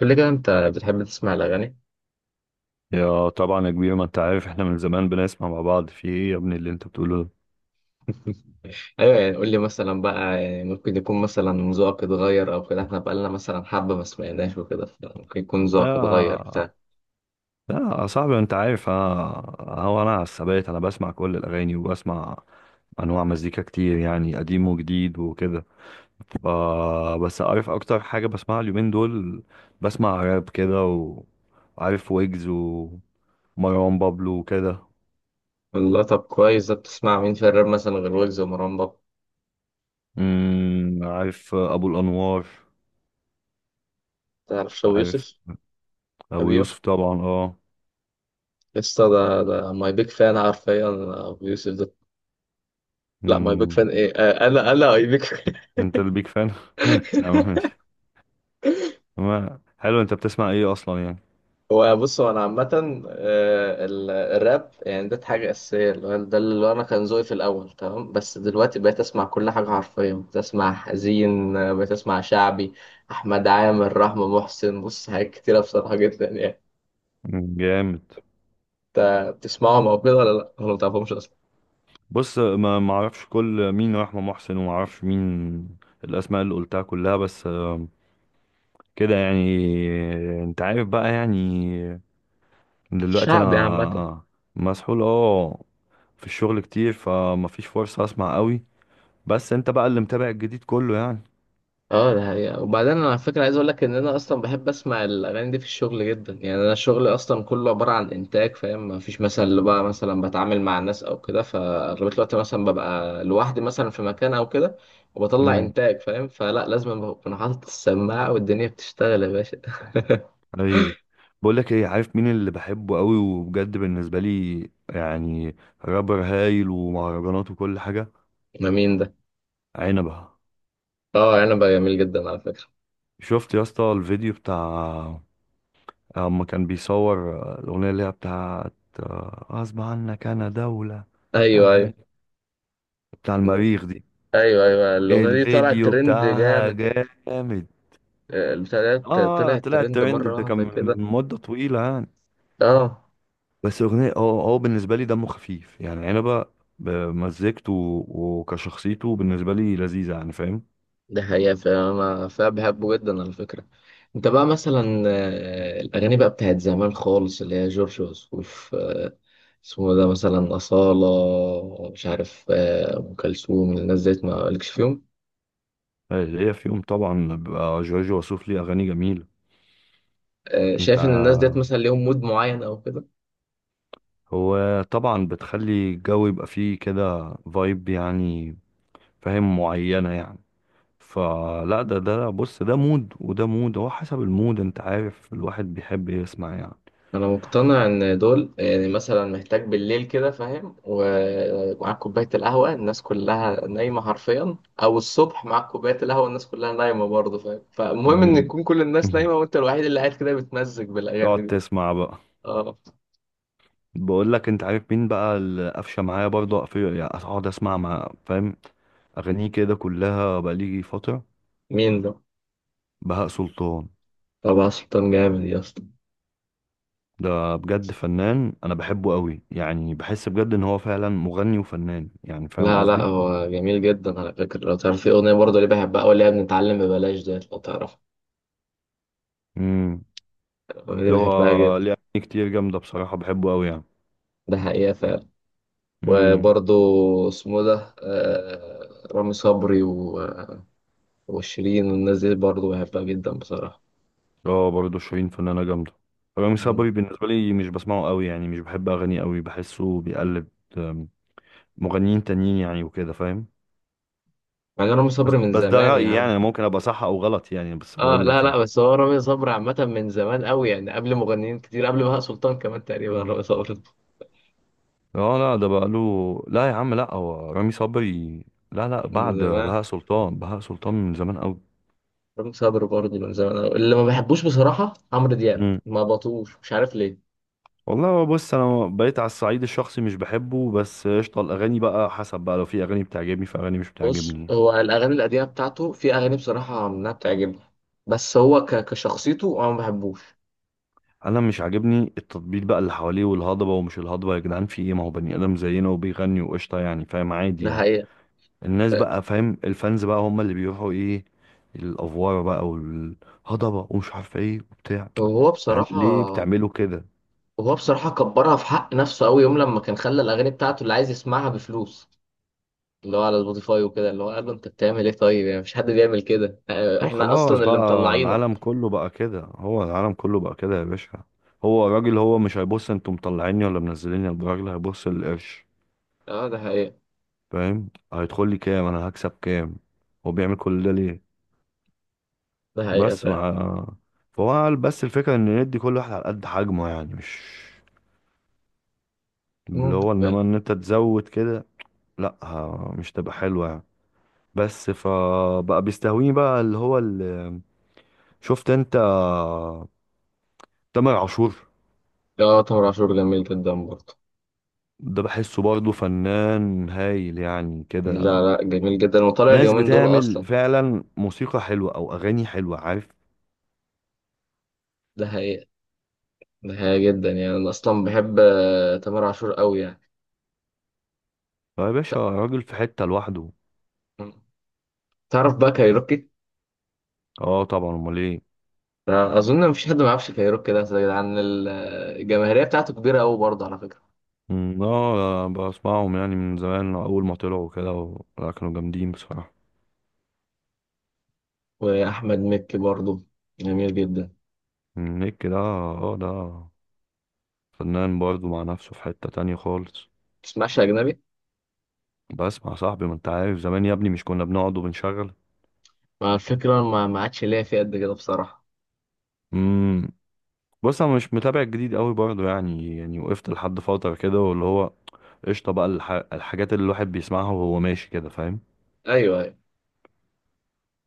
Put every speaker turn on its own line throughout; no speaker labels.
قول لي كده، انت بتحب تسمع الاغاني؟
يا طبعا يا كبير ما انت عارف احنا من زمان بنسمع مع بعض. في ايه يا ابني اللي انت بتقوله ده؟
ايوه، يعني قول لي مثلا بقى، يعني ممكن يكون مثلا ذوقك اتغير او كده، احنا بقالنا مثلا حبه ما سمعناش وكده، ممكن يكون ذوقك اتغير
يا
بتاع.
يا صاحبي انت عارف انا. هو انا على الثبات، انا بسمع كل الاغاني وبسمع انواع مزيكا كتير، يعني قديم وجديد وكده. ف بس عارف اكتر حاجه بسمعها اليومين دول، بسمع راب كده وعارف ويجز ومروان بابلو وكده.
والله طب كويس، ده بتسمع مين في الراب مثلا غير ويجز ومروان بابا؟
عارف ابو الانوار،
تعرف شو
عارف
يوسف؟
ابو
ابيو
يوسف طبعا.
لسه، ده ماي بيج فان حرفيا، ابو يوسف ده. لا، ماي بيج
اه،
فان ايه، انا اي بيج.
انت البيك فان. يا عم ماشي. ما حلو، انت بتسمع ايه اصلا يعني؟
هو بص، هو انا عامه، الراب يعني ده حاجه اساسيه، اللي هو ده اللي انا كان ذوقي في الاول تمام. بس دلوقتي بقيت اسمع كل حاجه حرفيا، بقيت اسمع حزين، بقيت اسمع شعبي. احمد عامر، رحمه محسن، بص حاجات كتيره بصراحه جدا يعني.
جامد.
انت بتسمعهم او كده، ولا لا، ولا ما بتعرفهمش اصلا؟
بص، ما اعرفش كل مين رحمة محسن وما اعرفش مين الاسماء اللي قلتها كلها، بس كده يعني. انت عارف بقى يعني، دلوقتي
شعبي عامه.
انا مسحول اه في الشغل كتير، فما فيش فرصة اسمع قوي. بس انت بقى اللي متابع الجديد كله يعني.
اه ده حقيقة، وبعدين انا على فكرة عايز اقول لك ان انا اصلا بحب اسمع الاغاني دي في الشغل جدا يعني. انا شغلي اصلا كله عبارة عن انتاج، فاهم، ما فيش مثلا اللي بقى مثلا بتعامل مع الناس او كده، فاغلبية الوقت مثلا ببقى لوحدي مثلا في مكان او كده. وبطلع
مم.
انتاج، فاهم، فلا لازم اكون حاطط السماعة والدنيا بتشتغل يا باشا.
ايوه. بقول لك ايه، عارف مين اللي بحبه قوي وبجد بالنسبه لي يعني؟ رابر هايل ومهرجانات وكل حاجه،
ما مين ده؟
عنبه.
اه انا بقى جميل جدا على فكرة.
شفت يا اسطى الفيديو بتاع اما كان بيصور الاغنيه اللي هي بتاعت غصب عنك انا دوله، مش
ايوه،
عارف
ايوه.
ايه، بتاع المريخ دي؟
ايوه، ايوه، الاغنية دي طلعت
الفيديو
ترند
بتاعها
جامد.
جامد.
البتاع ده
اه
طلعت
طلع
ترند
الترند،
مرة
ده كان
واحدة كده.
من مده طويله يعني.
اه
بس اغنيه، هو بالنسبه لي دمه خفيف يعني، عنبه بمزجته وكشخصيته بالنسبه لي لذيذه يعني، فاهم؟
ده حقيقة، فأنا بحبه جدا على فكرة. أنت بقى مثلا، الأغاني بقى بتاعت زمان خالص اللي هي جورج وسوف، اسمه ده مثلا أصالة، مش عارف، أم كلثوم، الناس ديت ما لكش فيهم؟
هي فيهم طبعا، بيبقى جورج وسوف ليه اغاني جميله. انت
شايف إن الناس ديت
ع-
مثلا ليهم مود معين أو كده؟
هو طبعا بتخلي الجو يبقى فيه كده فايب يعني، فاهم؟ معينه يعني. فلا ده بص، ده مود وده مود، هو حسب المود انت عارف الواحد بيحب يسمع يعني.
انا مقتنع ان دول، يعني مثلا محتاج بالليل كده، فاهم، ومعاك كوبايه القهوه الناس كلها نايمه حرفيا. او الصبح معاك كوبايه القهوه الناس كلها نايمه برضه، فاهم، فالمهم ان
مم.
تكون كل الناس نايمه وانت الوحيد اللي قاعد كده بتمزج بالاغاني
تقعد
دي.
تسمع بقى.
اه،
بقول لك، انت عارف مين بقى اللي قفشه معايا برضه، قفشه يعني اقعد اسمع مع، فاهم، اغانيه كده كلها بقالي فتره؟
مين ده؟
بهاء سلطان.
طبعا سلطان جامد يا اسطى.
ده بجد فنان، انا بحبه قوي يعني، بحس بجد ان هو فعلا مغني وفنان يعني، فاهم
لا، لا،
قصدي؟
هو جميل جدا على فكره، لو تعرف في اغنيه برضه اللي بحبها قوي اللي هي بنتعلم ببلاش ديت، لو تعرف.
امم.
الاغنيه دي
ده
بحبها
هو
جدا.
ليه اغاني كتير جامده بصراحه، بحبه قوي يعني.
ده حقيقه فعلا.
امم.
وبرضه، اسمه ده، رامي صبري وشيرين والناس دي برضه بحبها جدا بصراحة.
اه، برضه شيرين فنانه جامده. رامي
مم.
صبري بالنسبه لي مش بسمعه قوي يعني، مش بحب اغانيه قوي، بحسه بيقلد ام، مغنيين تانيين يعني وكده، فاهم؟
مع إن رامي
بس
صبري من
بس ده
زمان يا
رأيي
عم.
يعني، أنا ممكن ابقى صح او غلط يعني، بس
اه،
بقول
لا،
لك
لا،
يعني.
بس هو رامي صبري عامة من زمان قوي، يعني قبل مغنيين كتير، قبل بهاء سلطان كمان تقريبا رامي صبري.
اه لا، ده بقى له، لا يا عم، لا هو رامي صبري، لا
من
بعد
زمان.
بهاء سلطان. بهاء سلطان من زمان قوي.
رامي صبري برضه من زمان قوي. اللي ما بحبوش بصراحة عمرو دياب،
امم.
ما بطوش، مش عارف ليه.
والله هو بص، انا بقيت على الصعيد الشخصي مش بحبه، بس قشطه، الاغاني بقى حسب بقى، لو في اغاني بتعجبني في اغاني مش
بص،
بتعجبني.
هو الأغاني القديمة بتاعته في أغاني بصراحة منها بتعجبني. بس هو كشخصيته أنا ما بحبوش.
انا مش عاجبني التطبيل بقى اللي حواليه، والهضبه ومش الهضبه، يا جدعان في ايه؟ ما هو بني ادم زينا وبيغني وقشطه يعني، فاهم؟ عادي
ده
يعني.
حقيقة.
الناس بقى فاهم، الفانز بقى هم اللي بيروحوا ايه، الافوار بقى والهضبه ومش عارف ايه وبتاع،
هو
يعني
بصراحة.
ليه بتعملوا كده؟
وهو بصراحة كبرها في حق نفسه قوي، يوم لما كان خلى الأغاني بتاعته اللي عايز يسمعها بفلوس. اللي هو على سبوتيفاي وكده، اللي هو قال له أنت بتعمل إيه؟ طيب يعني مفيش حد بيعمل كده،
هو
إحنا
خلاص
أصلا اللي
بقى،
مطلعينك.
العالم كله بقى كده، هو العالم كله بقى كده يا باشا. هو الراجل هو مش هيبص انتوا مطلعيني ولا منزليني، الراجل هيبص للقرش،
أه ده حقيقة.
فاهم؟ هيدخل لي كام، انا هكسب كام، هو بيعمل كل ده ليه؟
ده حقيقة
بس
فعلا.
مع، فهو قال، بس الفكره ان ندي كل واحد على قد حجمه يعني، مش اللي
ممكن
هو،
فعلا.
انما ان انت تزود كده لا ه- مش تبقى حلوة يعني. بس فبقى بيستهويني بقى اللي هو اللي، شفت انت تامر عاشور؟
لا، تامر عاشور جميل جدا برضه.
ده بحسه برضه فنان هايل يعني كده،
لا، لا، جميل جدا وطالع
ناس
اليومين دول
بتعمل
أصلا.
فعلا موسيقى حلوة او اغاني حلوة، عارف؟
ده حقيقة. ده حقيقة جدا، يعني أنا أصلا بحب، تامر عاشور قوي يعني.
يا باشا
ت-
راجل في حتة لوحده.
تعرف بقى كايروكي؟
اه طبعا، امال ايه.
أظن مفيش حد ما يعرفش كايروكي ده يا جدعان، الجماهيرية بتاعته كبيرة قوي برضه على فكرة.
مم، اه بسمعهم يعني من زمان اول ما طلعوا كده لا كانوا جامدين بصراحة.
واحمد مكي برضه جميل جدا.
مم، نيك ده اه، ده فنان برضه مع نفسه في حتة تانية خالص.
تسمعش اجنبي؟
بسمع صاحبي، ما انت عارف زمان يا ابني مش كنا بنقعد وبنشغل.
مع الفكره ما عادش ليا فيه قد كده بصراحه.
امم. بص انا مش متابع الجديد قوي برضه يعني، وقفت لحد فتره كده واللي هو قشطه بقى الحاجات اللي الواحد بيسمعها وهو ماشي كده، فاهم؟
ايوه، ايوه.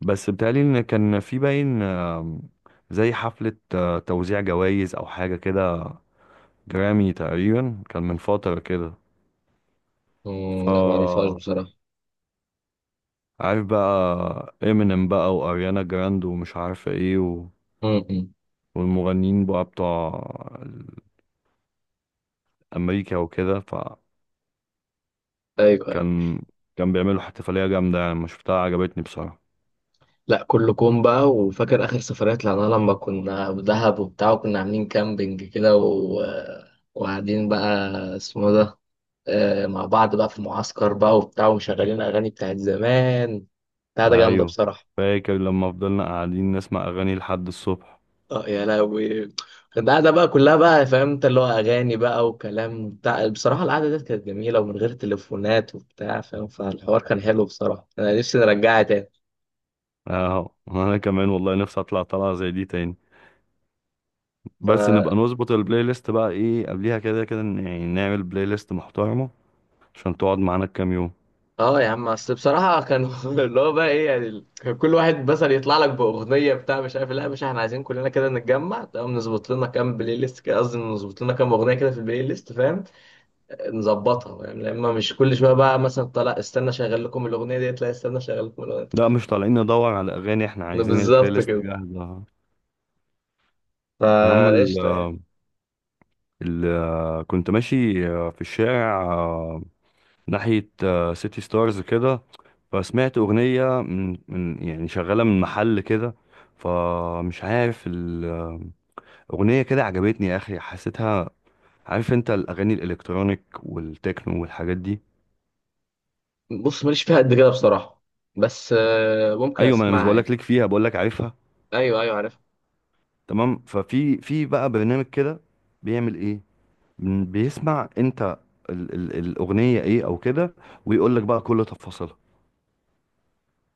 بس بتهيألي ان كان في باين زي حفله توزيع جوائز او حاجه كده، جرامي تقريبا، كان من فتره كده.
مم، لا ما اعرفهاش
ف
بصراحه.
عارف بقى امينيم بقى واريانا جراند ومش عارفه ايه و...
امم
والمغنيين بقى بتوع امريكا وكده.
ايوه، ايوه.
فكان كان بيعملوا احتفاليه جامده يعني، ما شفتها عجبتني بصراحه.
لا، كله كوم بقى، وفاكر اخر سفرية طلعناها لما كنا دهب وبتاع، وكنا عاملين كامبينج كده وقاعدين بقى، اسمه ده، مع بعض بقى في المعسكر بقى وبتاع ومشغلين اغاني بتاعت زمان. بتاع ده جامده
ايوه،
بصراحه.
فاكر لما فضلنا قاعدين نسمع اغاني لحد الصبح؟
اه يا لهوي. القعدة بقى كلها بقى، فاهم انت، اللي هو أغاني بقى وكلام بتاع، بصراحة القعدة ديت كانت جميلة ومن غير تليفونات وبتاع، فاهم، فالحوار كان حلو بصراحة، أنا نفسي نرجعها تاني.
اهو. انا كمان والله نفسي اطلع طلعه زي دي تاني، بس
فا
نبقى نظبط البلاي ليست بقى، ايه قبليها كده كده، يعني نعمل بلاي ليست محترمه عشان تقعد معانا كام يوم.
اه يا عم، أصل بصراحة كان اللي هو بقى إيه، يعني كان كل واحد مثلا يطلع لك بأغنية بتاع مش عارف إيه. لا، مش احنا عايزين كلنا كده نتجمع، تمام نظبط لنا كام بلاي ليست، كده قصدي نظبط لنا كام أغنية كده في البلاي ليست، فاهم. نظبطها، فاهم، لأما مش كل شوية بقى مثلا طلع استنى شغل لكم الأغنية ديت، لا استنى شغل لكم الأغنية.
لا مش طالعين ندور على اغاني، احنا عايزين البلاي
بالظبط
ليست
كده.
جاهزه. اهم ال
فقشطة يعني.
ال كنت ماشي في الشارع ناحية سيتي ستارز كده، فسمعت أغنية من يعني شغالة من محل كده، فمش عارف الأغنية كده، عجبتني يا أخي، حسيتها. عارف أنت الأغاني الإلكترونيك والتكنو والحاجات دي؟
بص، ماليش فيها قد كده بصراحة. بس، ممكن
أيوة، ما أنا مش
اسمعها يعني.
بقولك ليك فيها، بقولك عارفها.
ايوه، ايوه، عارف.
تمام. في بقى برنامج كده، بيعمل إيه، بيسمع أنت ال الأغنية إيه أو كده، ويقولك بقى كل تفاصيلها،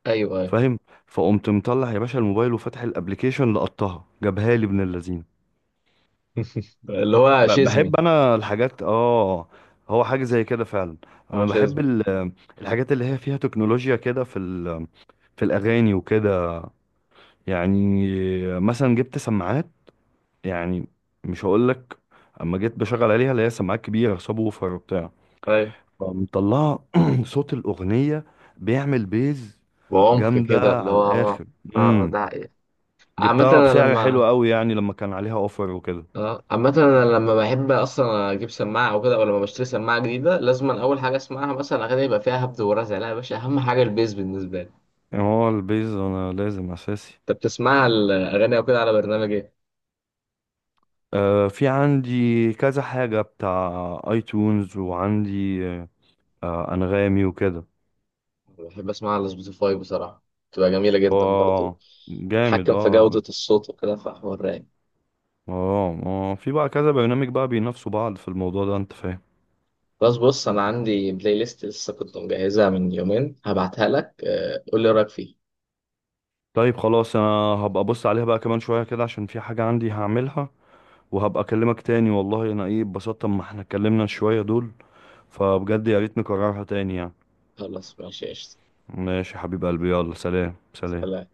ايوه، ايوه.
فاهم؟ فقمت مطلع يا باشا الموبايل وفاتح الابليكيشن، لقطها جابها لي ابن اللذين.
اللي هو شزمي؟
بحب انا الحاجات اه، هو حاجه زي كده فعلا. انا
هو
بحب
شزمي.
الحاجات اللي هي فيها تكنولوجيا كده في في الاغاني وكده يعني. مثلا جبت سماعات يعني، مش هقول لك، اما جيت بشغل عليها اللي هي سماعات كبيره سب ووفر وبتاع،
ايوه.
فمطلعه صوت الاغنيه بيعمل بيز
وعمق
جامده
كده اللي
على
هو
الاخر.
اه. ده حقيقة. عامة
جبتها
انا
بسعر حلو
لما.
قوي يعني لما كان عليها اوفر وكده،
اه عامة، انا لما بحب اصلا اجيب سماعة او كده، او لما بشتري سماعة جديدة، لازم اول حاجة اسمعها مثلا اغاني يبقى فيها هبد ورزع. لا يا باشا، اهم حاجة البيز بالنسبة لي.
يعني هو البيز انا لازم اساسي.
انت بتسمعها الاغاني او كده على برنامج ايه؟
آه، في عندي كذا حاجة بتاع، ايتونز وعندي انغامي وكده.
بحب اسمعها على سبوتيفاي بصراحة. بتبقى جميلة جدا برضه.
اه جامد
اتحكم في
اه.
جودة الصوت وكده، فحوار رايق.
اه، اه في بقى كذا برنامج بقى بينافسوا بعض في الموضوع ده، انت فاهم.
بس بص، أنا عندي بلاي ليست لسه كنت مجهزها من يومين، هبعتها لك، قول لي رأيك فيه.
طيب خلاص، انا هبقى ابص عليها بقى كمان شوية كده عشان في حاجة عندي هعملها، وهبقى اكلمك تاني. والله انا ايه اتبسطت اما احنا اتكلمنا شوية دول، فبجد يا ريت نكررها تاني يعني.
خلاص ماشي قشطة.
ماشي يا حبيب قلبي، يلا سلام سلام.
سلام.